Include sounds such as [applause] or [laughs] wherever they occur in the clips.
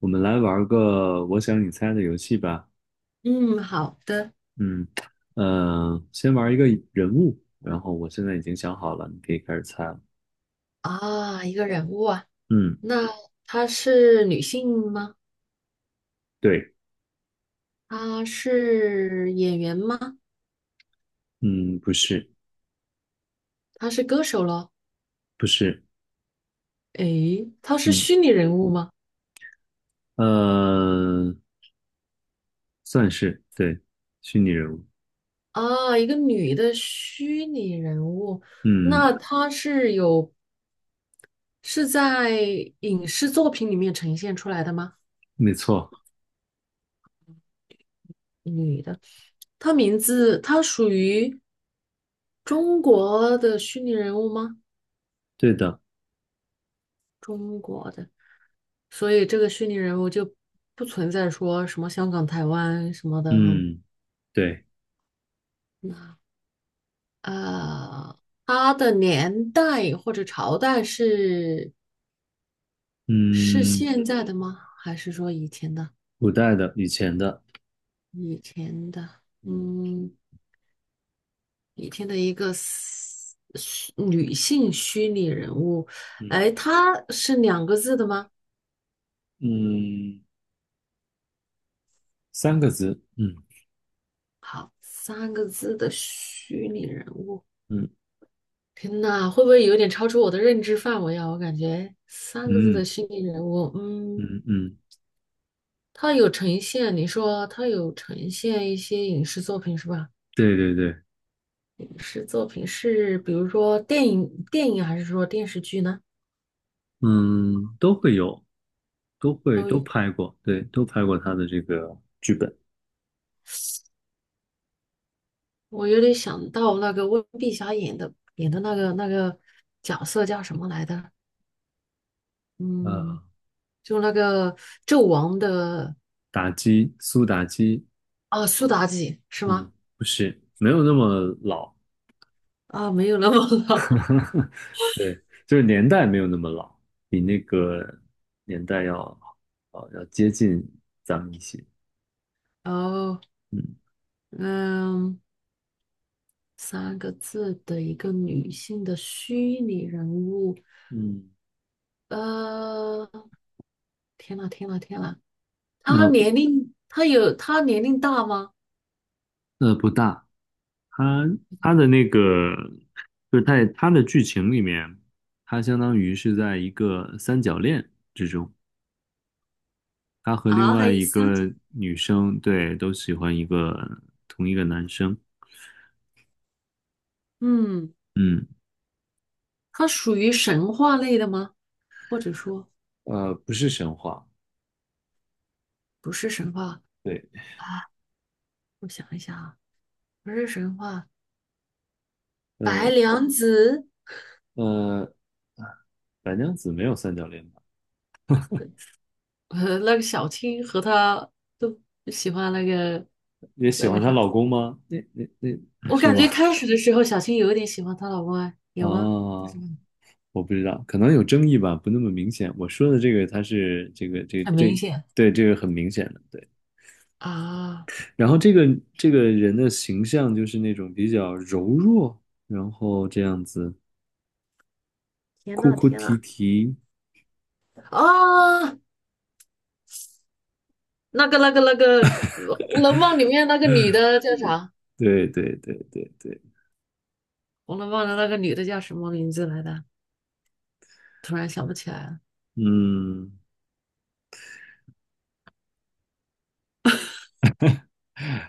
我们来玩个我想你猜的游戏吧。嗯，好的。嗯，先玩一个人物，然后我现在已经想好了，你可以开始猜了。啊，一个人物啊。嗯，那她是女性吗？对，她是演员吗？嗯，不是，她是歌手咯？不是，诶，她是嗯，虚拟人物吗？呃，算是，对，虚拟人物。啊，一个女的虚拟人物。嗯，那她是在影视作品里面呈现出来的吗？没错，女的，她名字她属于中国的虚拟人物吗？对的。中国的。所以这个虚拟人物就不存在说什么香港、台湾什么的哈。嗯，对，呃，它的年代或者朝代是嗯，现在的吗？还是说以前的？古代的，以前的。以前的。嗯嗯，以前的一个 女性虚拟人物。嗯哎，她是两个字的吗？嗯，三个字。嗯三个字的虚拟人物。嗯天呐，会不会有点超出我的认知范围啊？我感觉三个字的嗯虚拟人物。嗯，嗯，他有呈现，你说他有呈现一些影视作品是吧？对对对，影视作品是比如说电影还是说电视剧呢？嗯，都会有，都会都都有。拍过，对，都拍过他的这个剧本。我有点想到那个温碧霞演的那个角色叫什么来的？嗯，呃，就那个纣王的。打击，苏打击，啊，苏妲己是嗯，吗？不是，没有那么老。啊，没有那么老。[laughs] 对，就是年代没有那么老，比那个年代要要接近咱们一些。[laughs] 哦，嗯嗯。三个字的一个女性的虚拟人物。嗯，呃，天呐，天呐，天呐，呃她年龄大吗？不大，他他的那个就是在他的剧情里面，他相当于是在一个三角恋。他和另啊，还外有一三。个女生，对，都喜欢同一个男生。嗯，嗯，她属于神话类的吗？或者说呃，不是神话，不是神话对，啊？我想一想啊，不是神话。白呃娘子，呃，白娘子没有三角恋吧？那个小青和她都喜欢那个也喜那个欢她啥。老公吗？那那我是感吗？觉开始的时候小青有一点喜欢她老公哎，[laughs] 有吗？就啊，是吧我不知道，可能有争议吧，不那么明显。我说的这个，他是这个这很明这显。对这个很明显的，对。啊，然后这个人的形象就是那种比较柔弱，然后这样子天哭呐哭天啼呐。啼，啊，那个红楼梦》里面那个女的叫啥？对对对对对，《红楼梦》的那个女的叫什么名字来的？突然想不起来了。嗯，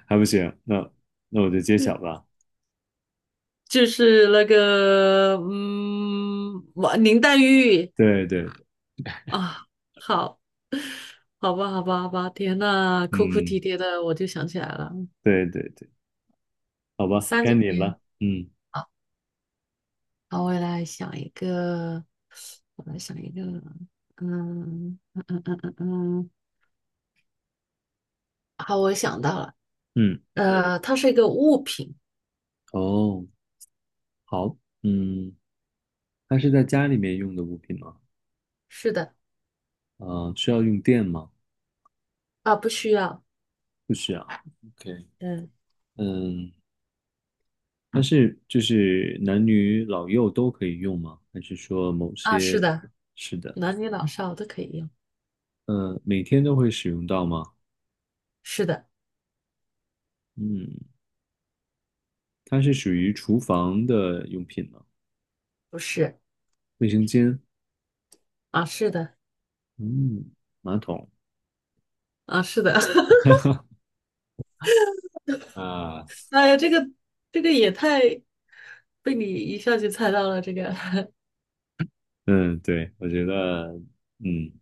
还不行，那我就揭晓吧。就是那个嗯，我林黛玉。对对，啊，好，好吧，好吧，好吧，天呐，哭哭嗯，啼啼的，我就想起来了。对对对，好吧，三该九你年。了。嗯好，好，我来想一个。嗯嗯嗯嗯嗯嗯，好，我想到了。嗯，它是一个物品。哦，好，嗯，它是在家里面用的物品吗？是的。啊、需要用电吗？啊，不需要。不需要。OK,嗯。嗯，但是就是男女老幼都可以用吗？还是说某啊，是些？的。是的，男女老少都可以用。嗯，每天都会使用到吗？是的。嗯，它是属于厨房的用品吗？不是。卫生间，啊，是的。嗯，马桶，啊，是的。[laughs] 啊，哎呀，这个也太被你一下就猜到了，这个。嗯，对，我觉得，嗯，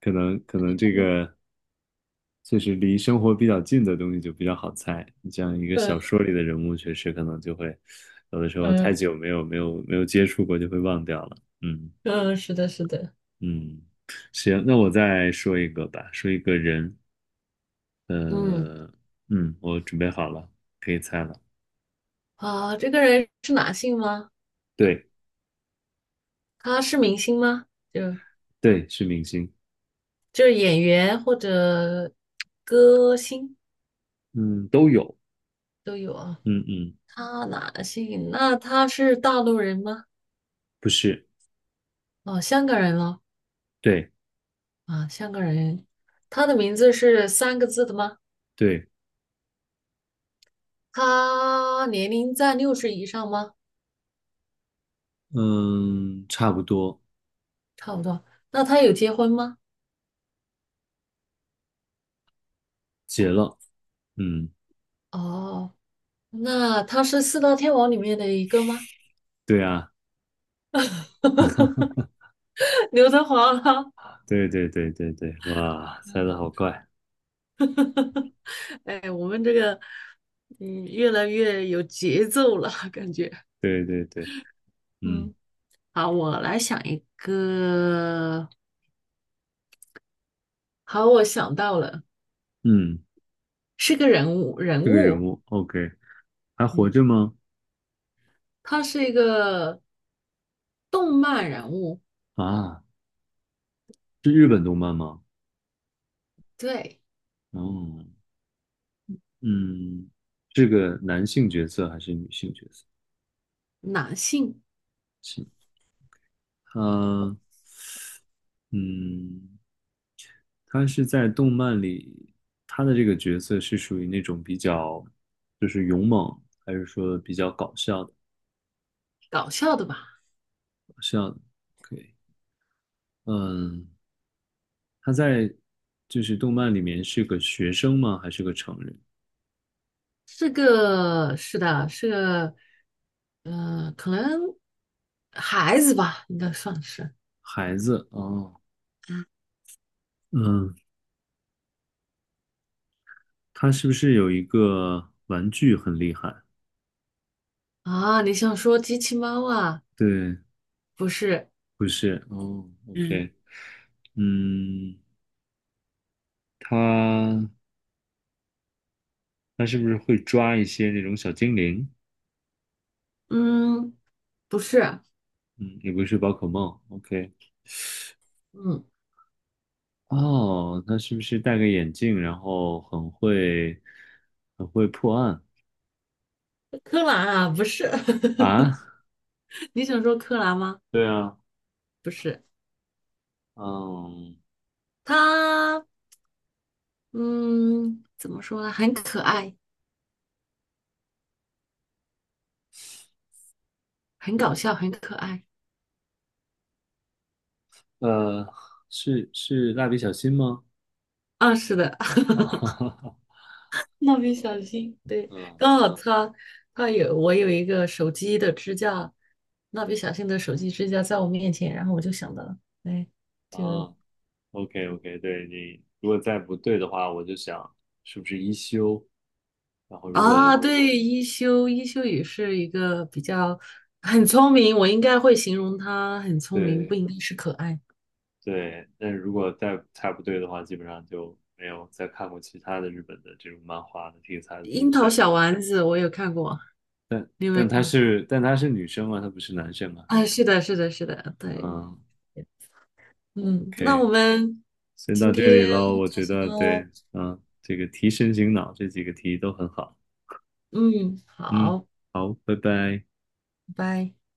可能可能这个就是离生活比较近的东西就比较好猜。你像一 [laughs] 个小嗯说里的人物，确实可能就会有的时候太嗯久没有接触过，就会忘掉了。嗯嗯，是的，是的。嗯，行，那我再说一个吧，说一个人，嗯。呃，嗯，我准备好了，可以猜了。啊，这个人是男性吗？对他是明星吗？就对，是明星，就是演员或者歌星嗯，都有，都有啊。嗯嗯，他男性，那他是大陆人吗？不是，哦，香港人咯。对。啊，香港人。他的名字是三个字的吗？对，他年龄在60以上吗？嗯，差不多，差不多。那他有结婚吗？结了，嗯，哦，那他是四大天王里面的一个吗？对啊，[laughs] 刘德华啦。对对对对对，哇，猜的好快，哎，我们这个，嗯，越来越有节奏了，感觉。对对对，嗯嗯，好，我来想一个。好，我想到了。嗯，是个人物，人这个人物。物，OK,还活嗯，着吗？他是一个动漫人物。啊，是日本动漫吗？对，哦，嗯，是个男性角色还是女性角色？男性。是，他，嗯，他是在动漫里，他的这个角色是属于那种比较，就是勇猛，还是说比较搞笑？的？搞笑的吧？是要的可以。嗯，他在就是动漫里面是个学生吗？还是个成人？是个，是的，是个，可能孩子吧，应该算是孩子哦，嗯，他是不是有一个玩具很厉害？啊。你想说机器猫啊？对，不是。不是哦嗯，，OK,嗯，他他是不是会抓一些那种小精灵？嗯。不是。嗯，也不是宝可梦，OK。嗯。哦，他是不是戴个眼镜，然后很会破案柯南啊，不是。啊？[laughs] [laughs] 你想说柯南吗？对啊，不是。嗯。他，嗯，怎么说呢？很可爱，很搞笑，很可爱。呃，是蜡笔小新吗？啊，是的。啊哈哈哈 [laughs] 蜡笔，OK,小新，对，嗯刚好他他有我有一个手机的支架。蜡笔小新的手机支架在我面前，然后我就想到了。哎，就啊，OK OK,对你如果再不对的话，我就想是不是一休，然后如果啊，对。一休也是一个很聪明。我应该会形容他很聪明，对不应该是可爱。对，但是如果再不对的话，基本上就没有再看过其他的日本的这种漫画的题材的樱东西桃了。小丸子我有看过，但你有没有但她看过？是但她是女生啊，她不是男生啊。啊，是的，是的，是的，对。嗯嗯，那，OK,我们先到今这里天很喽，我开觉心得对，哦。嗯，这个提神醒脑这几个题都很好。嗯，嗯，好，好，拜拜。拜拜。